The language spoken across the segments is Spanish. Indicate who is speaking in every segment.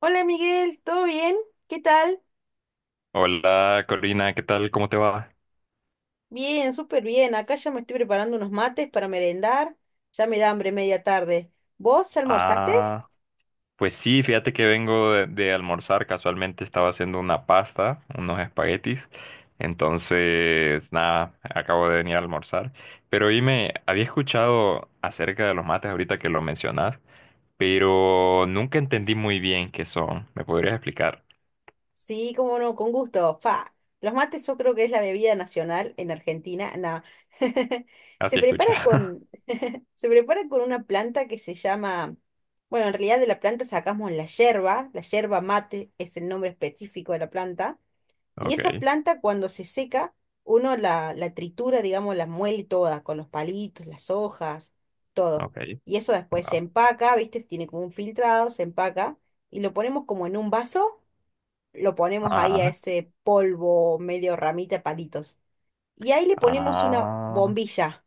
Speaker 1: Hola Miguel, ¿todo bien? ¿Qué tal?
Speaker 2: Hola Corina, ¿qué tal? ¿Cómo te va?
Speaker 1: Bien, súper bien. Acá ya me estoy preparando unos mates para merendar. Ya me da hambre media tarde. ¿Vos ya almorzaste?
Speaker 2: Ah, pues sí, fíjate que vengo de almorzar, casualmente estaba haciendo una pasta, unos espaguetis, entonces nada, acabo de venir a almorzar, pero dime, había escuchado acerca de los mates ahorita que lo mencionas, pero nunca entendí muy bien qué son. ¿Me podrías explicar?
Speaker 1: Sí, cómo no, con gusto. Fa. Los mates yo creo que es la bebida nacional en Argentina. No. Se
Speaker 2: Así
Speaker 1: prepara
Speaker 2: escuchaba.
Speaker 1: con, se prepara con una planta que se llama, bueno, en realidad de la planta sacamos la yerba. La yerba mate es el nombre específico de la planta. Y
Speaker 2: Ok,
Speaker 1: esa planta cuando se seca, uno la tritura, digamos, la muele toda, con los palitos, las hojas, todo.
Speaker 2: ok,
Speaker 1: Y eso después se
Speaker 2: va.
Speaker 1: empaca, ¿viste? Tiene como un filtrado, se empaca y lo ponemos como en un vaso, lo ponemos ahí a
Speaker 2: Ajá,
Speaker 1: ese polvo medio ramita de palitos. Y ahí le ponemos una
Speaker 2: ah,
Speaker 1: bombilla,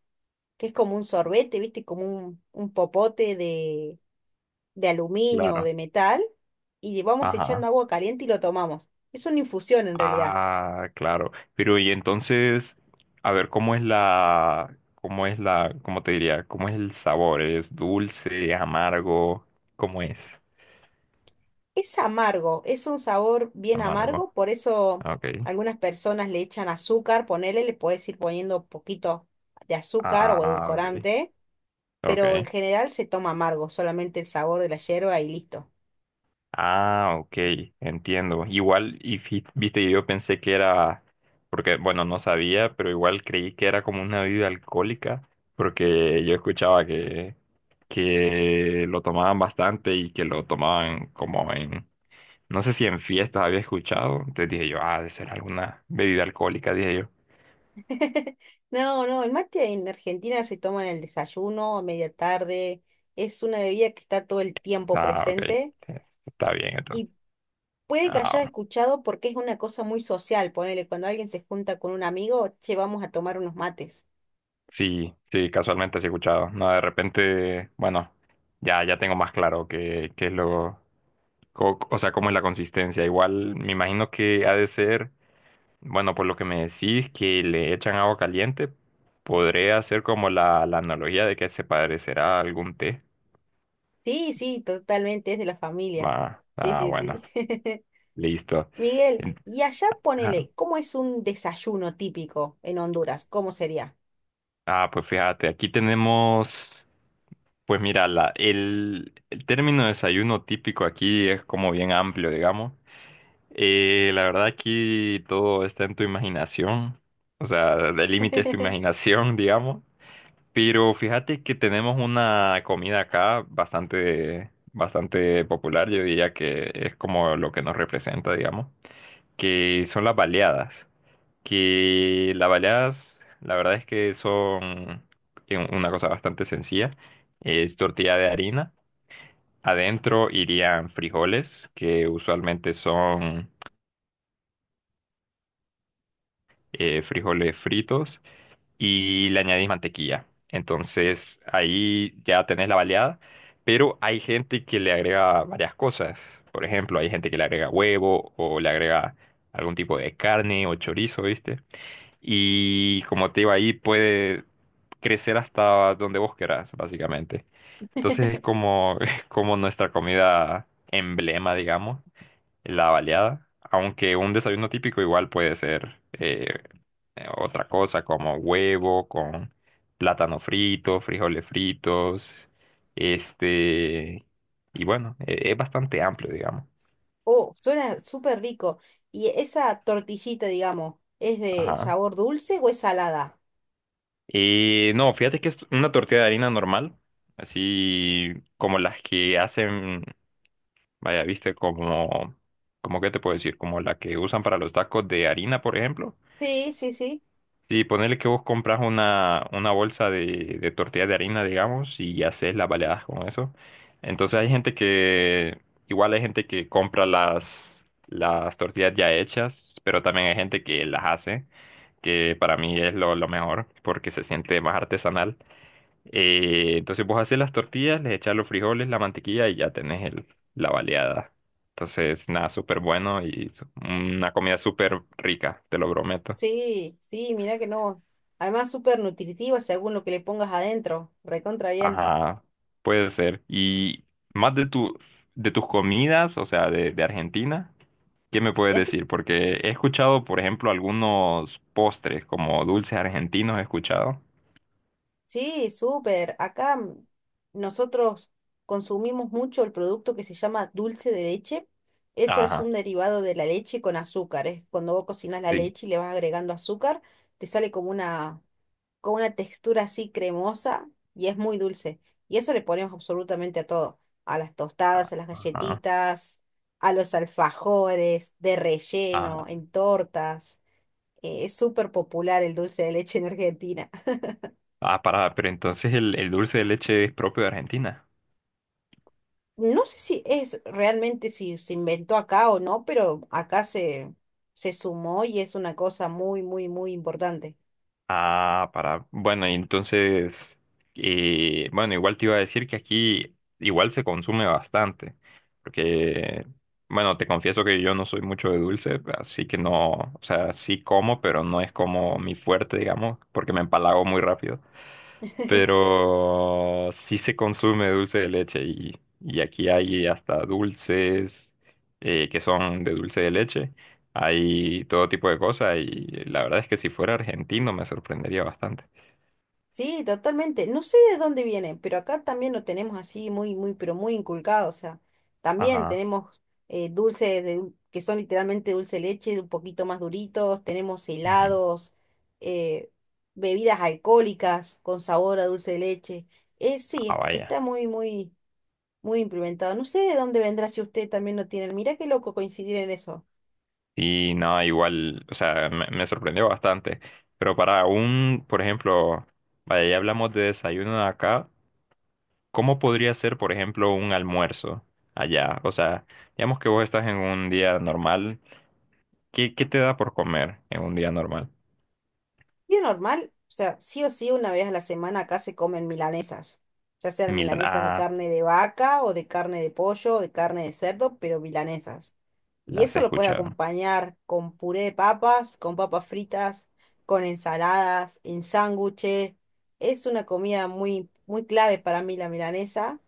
Speaker 1: que es como un sorbete, ¿viste? Como un popote de aluminio o
Speaker 2: claro,
Speaker 1: de metal. Y le vamos echando
Speaker 2: ajá.
Speaker 1: agua caliente y lo tomamos. Es una infusión en realidad.
Speaker 2: Ah, claro. Pero y entonces, a ver, ¿cómo es la, cómo es la, cómo te diría, cómo es el sabor? ¿Es dulce, amargo? ¿Cómo es?
Speaker 1: Es amargo, es un sabor bien amargo,
Speaker 2: Amargo.
Speaker 1: por eso
Speaker 2: Ok.
Speaker 1: algunas personas le echan azúcar, ponele, le puedes ir poniendo poquito de azúcar o
Speaker 2: Ah, ok.
Speaker 1: edulcorante,
Speaker 2: Ok.
Speaker 1: pero en general se toma amargo, solamente el sabor de la yerba y listo.
Speaker 2: Ah, ok, entiendo. Igual, y viste, yo pensé que era, porque, bueno, no sabía, pero igual creí que era como una bebida alcohólica, porque yo escuchaba que lo tomaban bastante y que lo tomaban como en, no sé si en fiestas había escuchado, entonces dije yo, ah, debe ser alguna bebida alcohólica, dije yo.
Speaker 1: No, no, el mate en Argentina se toma en el desayuno, a media tarde, es una bebida que está todo el tiempo
Speaker 2: Ah, ok,
Speaker 1: presente
Speaker 2: está bien entonces.
Speaker 1: y puede que hayas
Speaker 2: Ah,
Speaker 1: escuchado porque es una cosa muy social, ponele, cuando alguien se junta con un amigo, che, vamos a tomar unos mates.
Speaker 2: sí, sí, casualmente sí he escuchado. No, de repente, bueno, ya tengo más claro qué es lo, o sea, cómo es la consistencia. Igual me imagino que ha de ser, bueno, por lo que me decís, que le echan agua caliente, podría hacer como la analogía de que se parecerá a algún té.
Speaker 1: Sí, sí, totalmente es de la familia.
Speaker 2: Va,
Speaker 1: Sí,
Speaker 2: ah,
Speaker 1: sí,
Speaker 2: bueno,
Speaker 1: sí.
Speaker 2: listo.
Speaker 1: Miguel,
Speaker 2: En-
Speaker 1: y allá
Speaker 2: ajá.
Speaker 1: ponele, ¿cómo es un desayuno típico en Honduras? ¿Cómo sería?
Speaker 2: Ah, pues fíjate, aquí tenemos... Pues mira, el término desayuno típico aquí es como bien amplio, digamos. La verdad aquí todo está en tu imaginación, o sea, el límite es tu imaginación, digamos, pero fíjate que tenemos una comida acá bastante, bastante popular, yo diría que es como lo que nos representa, digamos, que son las baleadas, que las baleadas, la verdad es que son una cosa bastante sencilla, es tortilla de harina, adentro irían frijoles, que usualmente son... frijoles fritos y le añadís mantequilla. Entonces ahí ya tenés la baleada, pero hay gente que le agrega varias cosas. Por ejemplo, hay gente que le agrega huevo o le agrega algún tipo de carne o chorizo, ¿viste? Y como te digo, ahí puede crecer hasta donde vos querás, básicamente. Entonces es como, es como nuestra comida emblema, digamos, la baleada. Aunque un desayuno típico igual puede ser otra cosa como huevo con plátano frito, frijoles fritos, este, y bueno, es bastante amplio, digamos.
Speaker 1: Oh, suena súper rico. ¿Y esa tortillita, digamos, es de
Speaker 2: Ajá.
Speaker 1: sabor dulce o es salada?
Speaker 2: No, fíjate que es una tortilla de harina normal, así como las que hacen, vaya, viste, como, como, ¿qué te puedo decir? Como la que usan para los tacos de harina, por ejemplo.
Speaker 1: Sí, sí, sí.
Speaker 2: Sí, ponerle que vos compras una bolsa de tortillas de harina, digamos, y haces las baleadas con eso. Entonces hay gente que, igual hay gente que compra las tortillas ya hechas, pero también hay gente que las hace, que para mí es lo mejor, porque se siente más artesanal. Entonces vos haces las tortillas, les echas los frijoles, la mantequilla y ya tenés el, la baleada. Entonces, nada, súper bueno y una comida súper rica, te lo prometo.
Speaker 1: Sí, sí, mira que no. Además, súper nutritiva según lo que le pongas adentro. Recontra bien.
Speaker 2: Ajá, puede ser. Y más de tu, de tus comidas, o sea, de Argentina, ¿qué me puedes
Speaker 1: Y así
Speaker 2: decir? Porque he escuchado, por ejemplo, algunos postres como dulces argentinos, he escuchado.
Speaker 1: sí, súper. Acá nosotros consumimos mucho el producto que se llama dulce de leche. Eso es
Speaker 2: Ajá,
Speaker 1: un derivado de la leche con azúcar. Es cuando vos cocinas la
Speaker 2: sí.
Speaker 1: leche y le vas agregando azúcar, te sale como una textura así cremosa y es muy dulce. Y eso le ponemos absolutamente a todo. A las tostadas, a las
Speaker 2: Ajá,
Speaker 1: galletitas, a los alfajores, de relleno,
Speaker 2: ajá.
Speaker 1: en tortas. Es súper popular el dulce de leche en Argentina.
Speaker 2: Ah, para, pero entonces el dulce de leche es propio de Argentina.
Speaker 1: No sé si es realmente si se inventó acá o no, pero acá se, se sumó y es una cosa muy, muy, muy importante.
Speaker 2: Ah, para. Bueno, y entonces, bueno, igual te iba a decir que aquí igual se consume bastante, porque, bueno, te confieso que yo no soy mucho de dulce, así que no, o sea, sí como, pero no es como mi fuerte, digamos, porque me empalago muy rápido, pero sí se consume dulce de leche y aquí hay hasta dulces que son de dulce de leche, hay todo tipo de cosas y la verdad es que si fuera argentino me sorprendería bastante.
Speaker 1: Sí, totalmente. No sé de dónde viene, pero acá también lo tenemos así muy, muy, pero muy inculcado. O sea, también
Speaker 2: Ajá.
Speaker 1: tenemos dulces de dul- que son literalmente dulce de leche, un poquito más duritos. Tenemos
Speaker 2: Ujú.
Speaker 1: helados, eh, bebidas alcohólicas con sabor a dulce de leche. Sí,
Speaker 2: Ah,
Speaker 1: est-
Speaker 2: vaya.
Speaker 1: está muy, muy muy implementado. No sé de dónde vendrá si usted también lo tiene. Mirá qué loco coincidir en eso.
Speaker 2: Y no, igual, o sea, me sorprendió bastante. Pero para un, por ejemplo, vaya, ya hablamos de desayuno de acá, ¿cómo podría ser, por ejemplo, un almuerzo allá? O sea, digamos que vos estás en un día normal. ¿Qué, qué te da por comer en un día normal?
Speaker 1: Bien normal, o sea, sí o sí, una vez a la semana acá se comen milanesas. Ya sean
Speaker 2: Milan,
Speaker 1: milanesas de
Speaker 2: ah,
Speaker 1: carne de vaca o de carne de pollo o de carne de cerdo, pero milanesas. Y
Speaker 2: las he
Speaker 1: eso lo puedes
Speaker 2: escuchado.
Speaker 1: acompañar con puré de papas, con papas fritas, con ensaladas, en sándwiches. Es una comida muy, muy clave para mí la milanesa.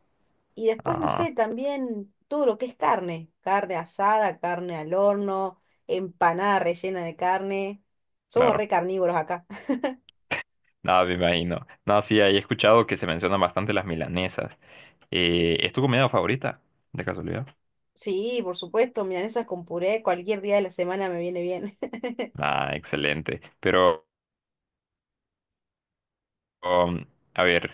Speaker 1: Y después, no
Speaker 2: Ajá,
Speaker 1: sé, también todo lo que es carne, carne asada, carne al horno, empanada rellena de carne. Somos
Speaker 2: claro.
Speaker 1: re carnívoros acá.
Speaker 2: No, me imagino. No, sí, ahí he escuchado que se mencionan bastante las milanesas. ¿Es tu comida favorita, de casualidad?
Speaker 1: Sí, por supuesto, milanesas con puré, cualquier día de la semana me viene bien.
Speaker 2: Ah, excelente. Pero, um, a ver,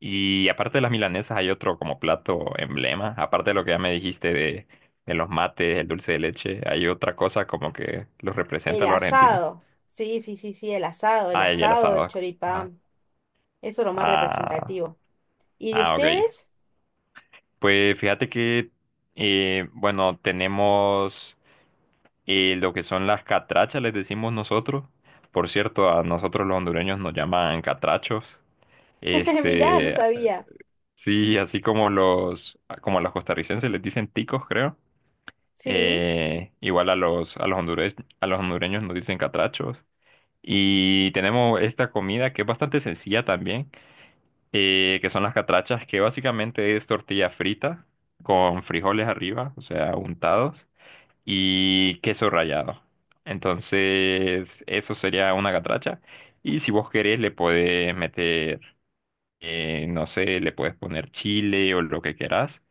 Speaker 2: y aparte de las milanesas, ¿hay otro como plato emblema? Aparte de lo que ya me dijiste de los mates, el dulce de leche, ¿hay otra cosa como que los representa
Speaker 1: El
Speaker 2: a los argentinos?
Speaker 1: asado. Sí, sí, sí, sí, el asado, el
Speaker 2: Ah, y el
Speaker 1: asado, el
Speaker 2: asado. Ah,
Speaker 1: choripán. Eso es lo más
Speaker 2: ah,
Speaker 1: representativo. ¿Y de
Speaker 2: ah, ok.
Speaker 1: ustedes?
Speaker 2: Pues fíjate que, bueno, tenemos lo que son las catrachas, les decimos nosotros. Por cierto, a nosotros los hondureños nos llaman catrachos.
Speaker 1: Mirá, no
Speaker 2: Este,
Speaker 1: sabía.
Speaker 2: sí, así como los, como a los costarricenses les dicen ticos, creo.
Speaker 1: Sí.
Speaker 2: Igual a los, a los a los hondureños nos dicen catrachos. Y tenemos esta comida que es bastante sencilla también. Que son las catrachas, que básicamente es tortilla frita con frijoles arriba, o sea, untados, y queso rallado. Entonces, eso sería una catracha. Y si vos querés, le podés meter, no sé, le puedes poner chile o lo que querás.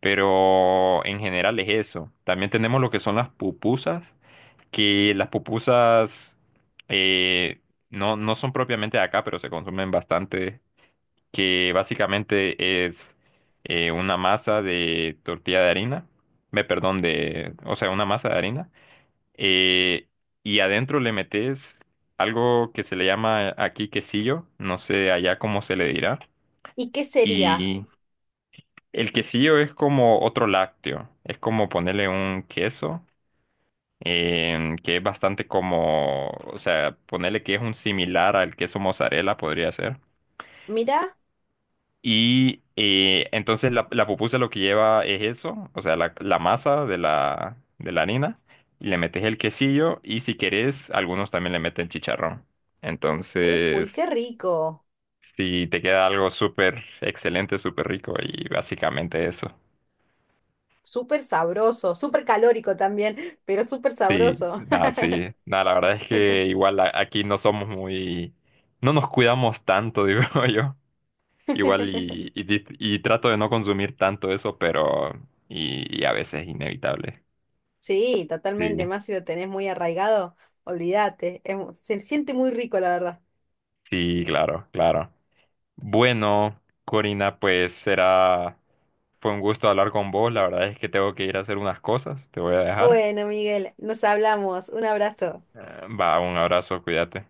Speaker 2: Pero en general es eso. También tenemos lo que son las pupusas, que las pupusas eh, no, no son propiamente de acá, pero se consumen bastante, que básicamente es una masa de tortilla de harina, me perdón, de, o sea, una masa de harina, eh, y adentro le metes algo que se le llama aquí quesillo, no sé allá cómo se le dirá,
Speaker 1: ¿Y qué sería?
Speaker 2: y el quesillo es como otro lácteo, es como ponerle un queso. Que es bastante como, o sea, ponerle que es un similar al queso mozzarella, podría ser.
Speaker 1: Mirá.
Speaker 2: Y entonces la pupusa lo que lleva es eso, o sea, la masa de la harina, y le metes el quesillo y si querés, algunos también le meten chicharrón.
Speaker 1: Uy, qué
Speaker 2: Entonces,
Speaker 1: rico.
Speaker 2: si te queda algo súper excelente, súper rico y básicamente eso.
Speaker 1: Súper sabroso, súper calórico también, pero súper sabroso.
Speaker 2: Sí, nada, la verdad es que igual aquí no somos muy, no nos cuidamos tanto, digo yo. Igual y, y trato de no consumir tanto eso, pero y a veces es inevitable.
Speaker 1: Sí,
Speaker 2: Sí,
Speaker 1: totalmente, más si lo tenés muy arraigado, olvídate, es mu- se siente muy rico, la verdad.
Speaker 2: sí, claro, claro. Bueno, Corina, pues será, fue un gusto hablar con vos. La verdad es que tengo que ir a hacer unas cosas. Te voy a dejar.
Speaker 1: Bueno, Miguel, nos hablamos, un abrazo.
Speaker 2: Va, un abrazo, cuídate.